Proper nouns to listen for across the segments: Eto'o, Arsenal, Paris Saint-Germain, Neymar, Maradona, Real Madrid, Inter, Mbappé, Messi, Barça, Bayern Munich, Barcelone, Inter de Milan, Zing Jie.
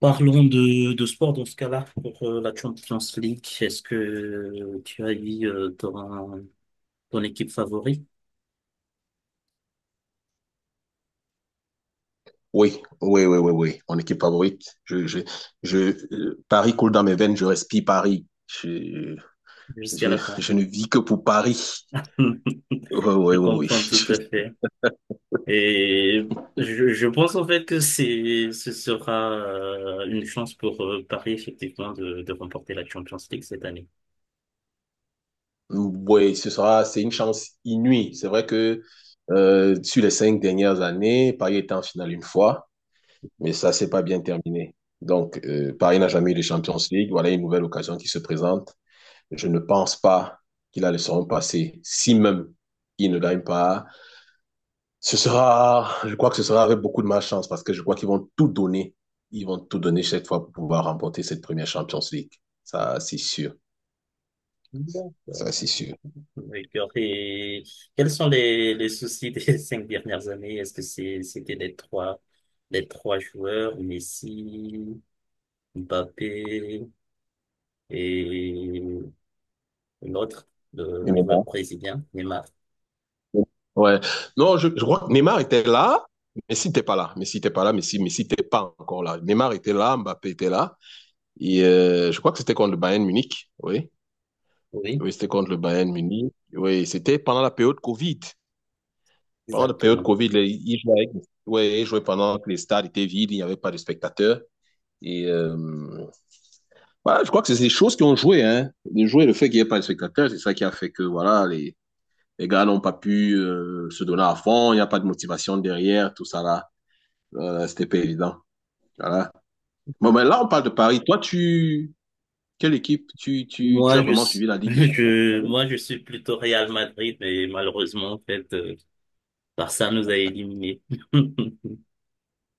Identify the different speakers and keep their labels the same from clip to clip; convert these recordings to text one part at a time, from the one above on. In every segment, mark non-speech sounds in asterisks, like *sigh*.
Speaker 1: Parlons de sport dans ce cas-là pour la Champions League. Est-ce que tu as eu ton équipe favorite
Speaker 2: Oui, oui, oui, oui, oui. Mon équipe favorite. Je, Paris coule dans mes veines, je respire Paris.
Speaker 1: jusqu'à
Speaker 2: Je,
Speaker 1: la fin?
Speaker 2: je ne vis que pour Paris.
Speaker 1: *laughs*
Speaker 2: Oui, oui,
Speaker 1: Je
Speaker 2: oui,
Speaker 1: comprends tout
Speaker 2: oui.
Speaker 1: à
Speaker 2: *laughs*
Speaker 1: fait. Et je pense en fait que c'est ce sera une chance pour Paris effectivement de remporter la Champions League cette année.
Speaker 2: Oui, ce sera, c'est une chance inouïe. C'est vrai que sur les cinq dernières années, Paris était en finale une fois, mais ça s'est pas bien terminé. Donc, Paris n'a jamais eu de Champions League. Voilà une nouvelle occasion qui se présente. Je ne pense pas qu'il a le seront passer. Si même il ne gagne pas, ce sera, je crois que ce sera avec beaucoup de malchance parce que je crois qu'ils vont tout donner. Ils vont tout donner cette fois pour pouvoir remporter cette première Champions League. Ça, c'est sûr.
Speaker 1: D'accord,
Speaker 2: Ça, c'est
Speaker 1: c'est
Speaker 2: sûr.
Speaker 1: possible. D'accord. Et quels sont les soucis des *laughs* 5 dernières années? Est-ce que c'était les trois joueurs, Messi, Mbappé et l'autre, le,
Speaker 2: Et
Speaker 1: le joueur
Speaker 2: Neymar?
Speaker 1: brésilien, Neymar?
Speaker 2: Ouais. Non, je crois que Neymar était là, mais si t'es pas là. Mais si t'es pas là, mais si t'es pas encore là. Neymar était là, Mbappé était là. Et je crois que c'était contre le Bayern Munich. Oui.
Speaker 1: Oui,
Speaker 2: Oui, c'était contre le Bayern Munich. Oui, c'était pendant la période Covid. Pendant la période
Speaker 1: exactement.
Speaker 2: Covid, ils jouaient, ouais, ils jouaient pendant que les stades étaient vides, il n'y avait pas de spectateurs. Et voilà, je crois que c'est des choses qui ont joué, hein. Les jouets, le fait qu'il n'y ait pas de spectateurs, c'est ça qui a fait que voilà, les gars n'ont pas pu se donner à fond, il n'y a pas de motivation derrière, tout ça là. C'était pas évident. Voilà. Bon, mais là, on parle de Paris. Toi, tu. Quelle équipe tu as vraiment suivi la
Speaker 1: *laughs*
Speaker 2: Ligue des
Speaker 1: Je,
Speaker 2: Champions?
Speaker 1: moi, je suis plutôt Real Madrid, mais malheureusement, en fait, Barça nous a éliminés. *laughs*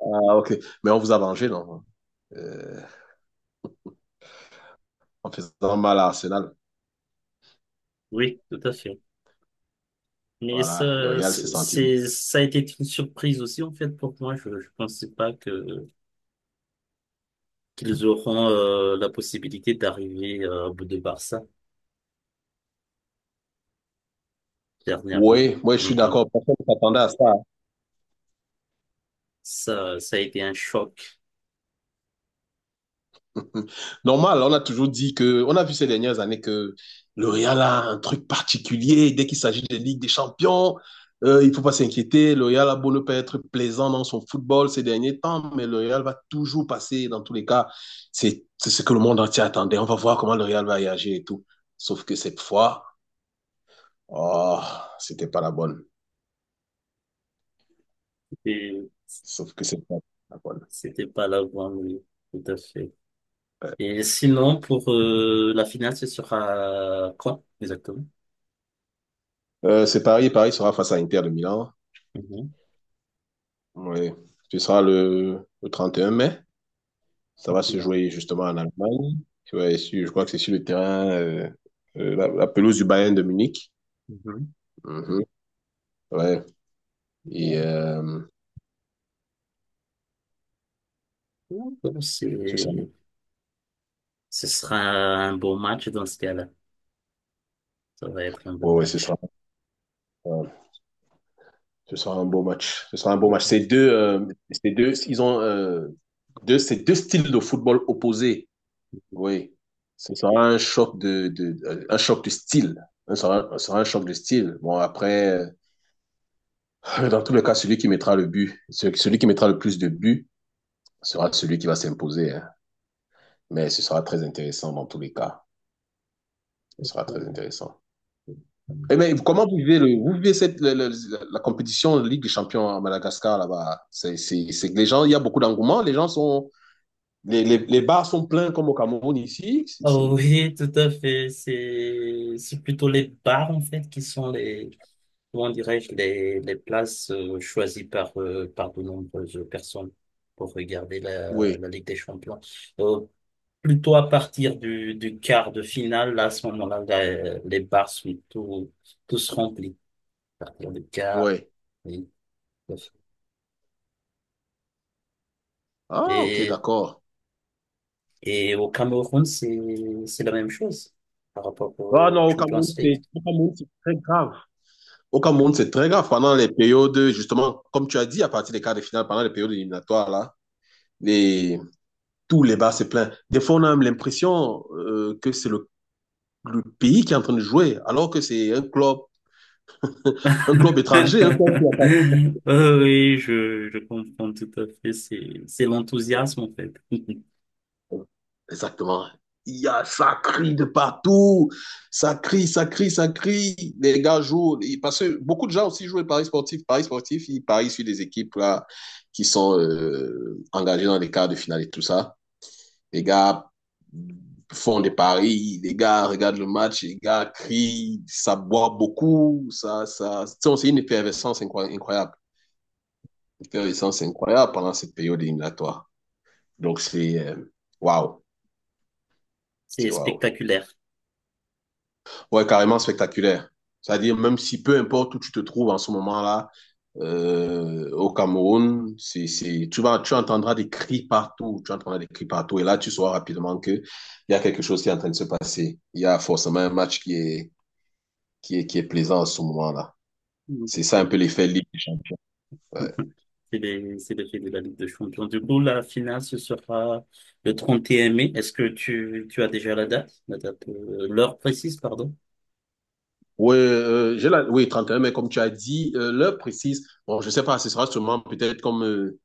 Speaker 2: Ah, ok. Mais on vous a vengé, non? Euh, En faisant mal à Arsenal.
Speaker 1: Oui, tout à fait. Mais
Speaker 2: Voilà, le
Speaker 1: ça,
Speaker 2: Real s'est senti.
Speaker 1: c'est, ça a été une surprise aussi, en fait, pour moi. Je ne pensais pas que qu'ils auront la possibilité d'arriver au bout de Barça dernièrement.
Speaker 2: Oui, moi, je suis
Speaker 1: Mhm.
Speaker 2: d'accord. Personne ne s'attendait à ça.
Speaker 1: Ça a été un choc.
Speaker 2: Mm. Normal, on a toujours dit que, on a vu ces dernières années que le Real a un truc particulier. Dès qu'il s'agit de Ligue des Champions, il ne faut pas s'inquiéter. Le Real a beau ne pas être plaisant dans son football ces derniers temps, mais le Real va toujours passer. Dans tous les cas, c'est ce que le monde entier attendait. On va voir comment le Real va réagir et tout. Sauf que cette fois, oh, c'était pas la bonne.
Speaker 1: Et
Speaker 2: Sauf que c'est pas la bonne.
Speaker 1: c'était pas là avant, oui, tout à fait.
Speaker 2: Ouais.
Speaker 1: Et sinon, pour la finale, ce sera quand exactement?
Speaker 2: C'est Paris. Paris sera face à Inter de Milan.
Speaker 1: Mhm.
Speaker 2: Ouais. Ce sera le 31 mai. Ça va se
Speaker 1: Bien.
Speaker 2: jouer justement en Allemagne. Ouais, je crois que c'est sur le terrain, la pelouse du Bayern de Munich.
Speaker 1: Mhm.
Speaker 2: Mhm. Ouais. Et
Speaker 1: Donc,
Speaker 2: ce sera,
Speaker 1: ce sera un beau match dans ce cas-là. Ça va être un beau
Speaker 2: oh, ouais,
Speaker 1: match.
Speaker 2: euh, ce sera un beau match. Ce sera un beau match. Ils ont ces deux styles de football opposés. Oui. Ce sera un choc un choc de style. Ce sera un choc de style. Bon, après, *laughs* dans tous les cas, celui qui mettra le plus de buts sera celui qui va s'imposer, hein. Mais ce sera très intéressant dans tous les cas. Ce sera très intéressant.
Speaker 1: Mhm.
Speaker 2: Et mais comment vous vivez, vous vivez la compétition de Ligue des Champions à Madagascar là-bas? C'est que les gens, il y a beaucoup d'engouement. Les gens sont, les bars sont pleins comme au Cameroun ici.
Speaker 1: Ah oui, *laughs* tout à fait. C'est plutôt les bars, en fait, qui sont comment dirais-je, les places choisies par de nombreuses personnes pour regarder la,
Speaker 2: Oui,
Speaker 1: la Ligue des Champions. Euh, plutôt à partir du quart de finale, là, à ce moment-là, les bars sont tous remplis. À partir du quart,
Speaker 2: oui.
Speaker 1: oui. Tout à
Speaker 2: Ah, ok,
Speaker 1: fait.
Speaker 2: d'accord.
Speaker 1: Et au Cameroun, c'est la même chose par rapport
Speaker 2: Ah
Speaker 1: au
Speaker 2: non,
Speaker 1: Champions League.
Speaker 2: Au Cameroun, c'est très grave. Au Cameroun, c'est très grave. Pendant les périodes, justement, comme tu as dit, à partir des quarts de finale, pendant les périodes éliminatoires, les, tous les bars, c'est plein. Des fois, on a même l'impression que c'est le pays qui est en train de jouer, alors que c'est un club, *laughs* un club
Speaker 1: *laughs*
Speaker 2: étranger, un club qui a pas.
Speaker 1: Oh oui, je comprends tout à fait. C'est l'enthousiasme, en fait. *laughs*
Speaker 2: Exactement. Il y a, ça crie de partout, ça crie. Les gars jouent, parce que beaucoup de gens aussi jouent le Paris sportifs, ils parient sur des équipes là, qui sont engagées dans les quarts de finale et tout ça. Les gars font des paris, les gars regardent le match, les gars crient, ça boit beaucoup, c'est une effervescence incroyable. Intéressant, c'est incroyable pendant cette période éliminatoire. Donc, c'est waouh,
Speaker 1: C'est
Speaker 2: c'est waouh.
Speaker 1: spectaculaire.
Speaker 2: Ouais, carrément spectaculaire. C'est-à-dire, même si peu importe où tu te trouves en ce moment-là, au Cameroun, tu vas, tu entendras des cris partout, tu entendras des cris partout, et là, tu sauras rapidement que il y a quelque chose qui est en train de se passer. Il y a forcément un match qui est plaisant en ce moment-là.
Speaker 1: Donc,
Speaker 2: C'est ça un
Speaker 1: euh,
Speaker 2: peu l'effet Ligue des Champions. Ouais.
Speaker 1: c'est les faits de la Ligue des Champions. Du coup, la finale, ce sera le 31 mai. Est-ce que tu as déjà la date? La date, l'heure précise, pardon?
Speaker 2: Oui, j'ai la... oui, 31 mais comme tu as dit, l'heure précise, bon, je sais pas, ce sera sûrement peut-être comme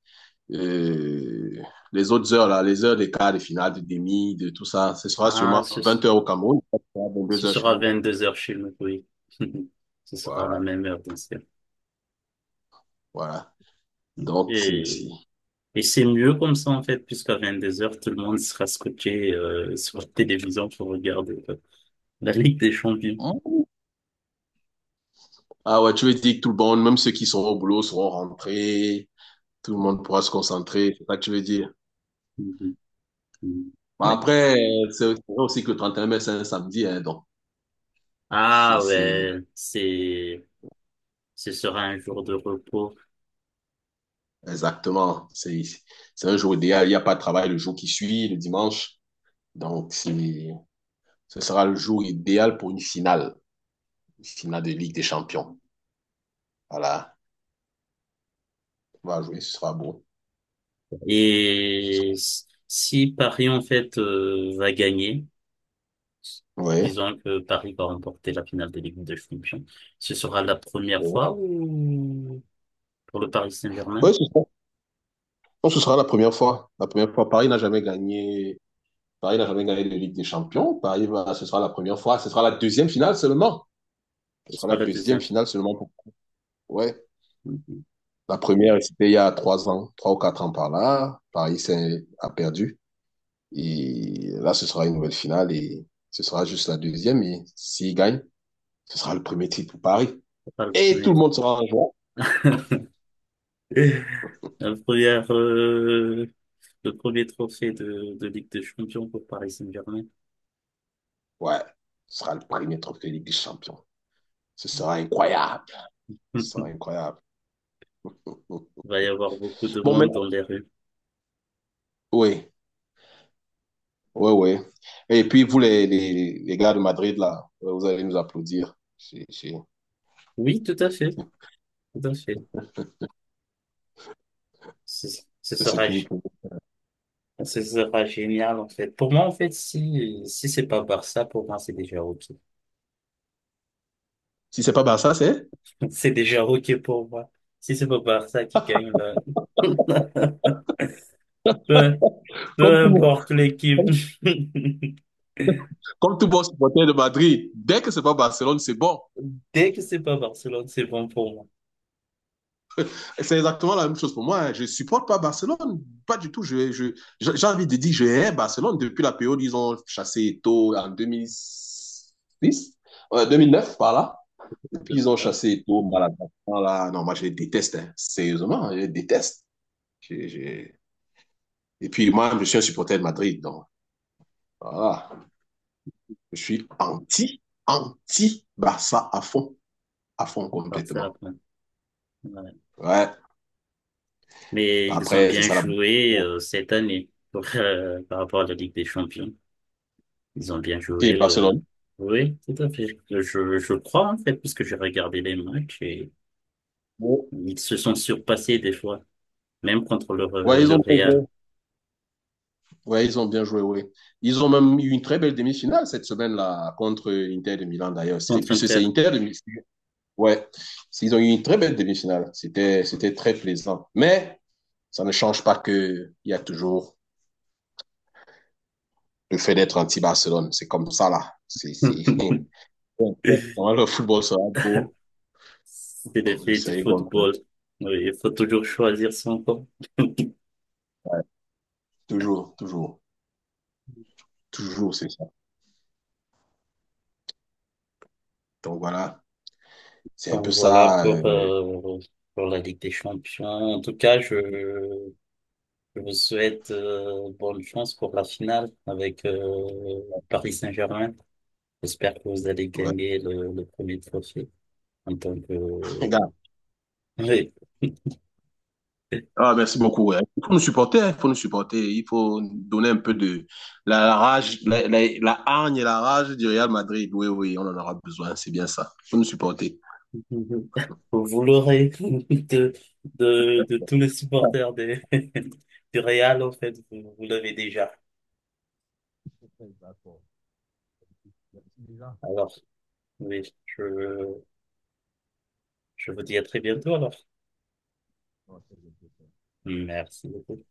Speaker 2: euh, les autres heures, là, les heures des quarts, des finales, des demi, de tout ça. Ce sera
Speaker 1: Ah,
Speaker 2: sûrement
Speaker 1: ce,
Speaker 2: 20 heures au Cameroun, deux
Speaker 1: ce
Speaker 2: heures chez
Speaker 1: sera
Speaker 2: vous.
Speaker 1: 22 heures chez nous, oui. *laughs* Ce sera à la
Speaker 2: Voilà,
Speaker 1: même heure, bien sûr.
Speaker 2: voilà. Donc, c'est
Speaker 1: Et
Speaker 2: ici.
Speaker 1: Et c'est mieux comme ça, en fait, puisqu'à 2 heures tout le monde sera scotché sur la télévision pour regarder la Ligue des Champions.
Speaker 2: Hein? Ah ouais, tu veux dire que tout le monde, même ceux qui sont au boulot, seront rentrés, tout le monde pourra se concentrer, c'est ça que tu veux dire.
Speaker 1: Mhm. Mhm.
Speaker 2: Bon,
Speaker 1: Ouais.
Speaker 2: après, c'est vrai aussi que le 31 mai, c'est un samedi, hein, donc c'est
Speaker 1: Ah
Speaker 2: c'est-
Speaker 1: ouais, ce sera un jour de repos.
Speaker 2: exactement. C'est un jour idéal. Il n'y a pas de travail le jour qui suit, le dimanche. Donc, c'est, ce sera le jour idéal pour une finale de Ligue des Champions. Voilà, on va jouer, ce sera beau. Ce sera...
Speaker 1: Et si Paris, en fait, va gagner,
Speaker 2: Ouais,
Speaker 1: disons que Paris va remporter la finale de Ligue des Champions, ce sera la première
Speaker 2: ouais.
Speaker 1: fois ou pour le Paris Saint-Germain,
Speaker 2: Ouais, ce sera... non, ce sera la première fois. La première fois, Paris n'a jamais gagné. Paris n'a jamais gagné de Ligue des Champions. Ce sera la première fois. Ce sera la deuxième finale seulement. Ce
Speaker 1: ce
Speaker 2: sera
Speaker 1: sera
Speaker 2: la
Speaker 1: la
Speaker 2: deuxième
Speaker 1: deuxième.
Speaker 2: finale seulement pour. Ouais.
Speaker 1: Mhm.
Speaker 2: La première, c'était il y a trois ans, trois ou quatre ans par là. A perdu. Et là, ce sera une nouvelle finale et ce sera juste la deuxième. Et s'il gagne, ce sera le premier titre pour Paris.
Speaker 1: Ce sera le
Speaker 2: Et tout
Speaker 1: premier.
Speaker 2: le monde sera en joie.
Speaker 1: *laughs* La première, euh, le premier trophée de Ligue des Champions pour Paris Saint-Germain.
Speaker 2: Ouais, ce sera le premier trophée Ligue des Champions. Ce sera incroyable.
Speaker 1: *laughs*
Speaker 2: Ce sera
Speaker 1: Il
Speaker 2: incroyable.
Speaker 1: va y avoir beaucoup de
Speaker 2: Bon, mais
Speaker 1: monde dans les rues.
Speaker 2: oui, oui, oui. Et puis, vous, les gars de Madrid, là, vous allez nous applaudir.
Speaker 1: Oui, tout à fait, tout à fait. Ce ce
Speaker 2: C'est ce
Speaker 1: sera,
Speaker 2: que vous
Speaker 1: gé-
Speaker 2: pouvez.
Speaker 1: ce sera génial, en fait. Pour moi, en fait, si c'est pas Barça, pour moi, c'est déjà OK.
Speaker 2: Si c'est pas Barça, c'est
Speaker 1: *laughs* C'est déjà OK pour moi. Si c'est pas Barça qui gagne, là, *laughs* peu,
Speaker 2: comme
Speaker 1: peu
Speaker 2: tout,
Speaker 1: importe l'équipe.
Speaker 2: comme,
Speaker 1: *laughs*
Speaker 2: comme tout bon supporter de Madrid. Dès que c'est pas Barcelone, c'est bon.
Speaker 1: Dès que c'est pas Barcelone, c'est bon pour moi.
Speaker 2: C'est exactement la même chose pour moi, hein. Je ne supporte pas Barcelone, pas du tout. je, j'ai envie de dire que je hais Barcelone depuis la période où ils ont chassé Eto'o en 2006, 2009 par là. Depuis, ils ont
Speaker 1: 2009,
Speaker 2: chassé Eto'o, Maradona. Là. Non, moi, je les déteste, hein. Sérieusement, je les déteste. J'ai- j'ai- Et puis, moi, je suis un supporter de Madrid. Donc, voilà. Je suis anti, anti-Barça à fond
Speaker 1: Barça,
Speaker 2: complètement.
Speaker 1: après. Ouais.
Speaker 2: Ouais.
Speaker 1: Mais ils ont
Speaker 2: Après, c'est
Speaker 1: bien
Speaker 2: ça la.
Speaker 1: joué
Speaker 2: Bon.
Speaker 1: cette année pour, par rapport à la Ligue des Champions. Ils ont bien
Speaker 2: Qui est
Speaker 1: joué le...
Speaker 2: Barcelone?
Speaker 1: Oui, tout à fait. Je crois en fait, puisque j'ai regardé les matchs et
Speaker 2: Bon.
Speaker 1: ils se sont surpassés des fois, même contre le, euh,
Speaker 2: Ouais, ils
Speaker 1: le
Speaker 2: ont.
Speaker 1: Real,
Speaker 2: besoin Ouais, ils ont bien joué, oui. Ils ont même eu une très belle demi-finale cette semaine-là contre Inter de Milan d'ailleurs. Et
Speaker 1: contre
Speaker 2: puis c'est
Speaker 1: Inter.
Speaker 2: Inter de Milan. Ouais, ils ont eu une très belle demi-finale. C'était très plaisant. Mais ça ne change pas que il y a toujours le fait d'être anti-Barcelone. C'est comme ça là. C'est
Speaker 1: *laughs*
Speaker 2: *laughs* quand le football sera beau,
Speaker 1: C'est des
Speaker 2: hum, je
Speaker 1: faits du
Speaker 2: serai contre eux.
Speaker 1: football. Oui, il faut toujours choisir son camp.
Speaker 2: Toujours, toujours, toujours, c'est ça. Donc voilà, c'est un peu
Speaker 1: Donc voilà
Speaker 2: ça.
Speaker 1: pour, euh, pour la Ligue des Champions. En tout cas, je vous souhaite bonne chance pour la finale avec Paris Saint-Germain. J'espère que vous allez
Speaker 2: Ouais.
Speaker 1: gagner le premier trophée en tant que...
Speaker 2: *laughs*
Speaker 1: Oui, *laughs*
Speaker 2: Ah, merci beaucoup, ouais. Il faut nous supporter, hein, il faut nous supporter. Il faut donner un peu de la rage, la hargne et la rage du Real Madrid. Oui, oui, on en aura besoin, c'est bien ça. Il faut nous supporter.
Speaker 1: vous l'aurez *laughs* de, de tous les supporters des, *laughs* du Real, en fait, vous l'avez déjà. Alors, oui, je vous dis à très bientôt alors. Merci beaucoup.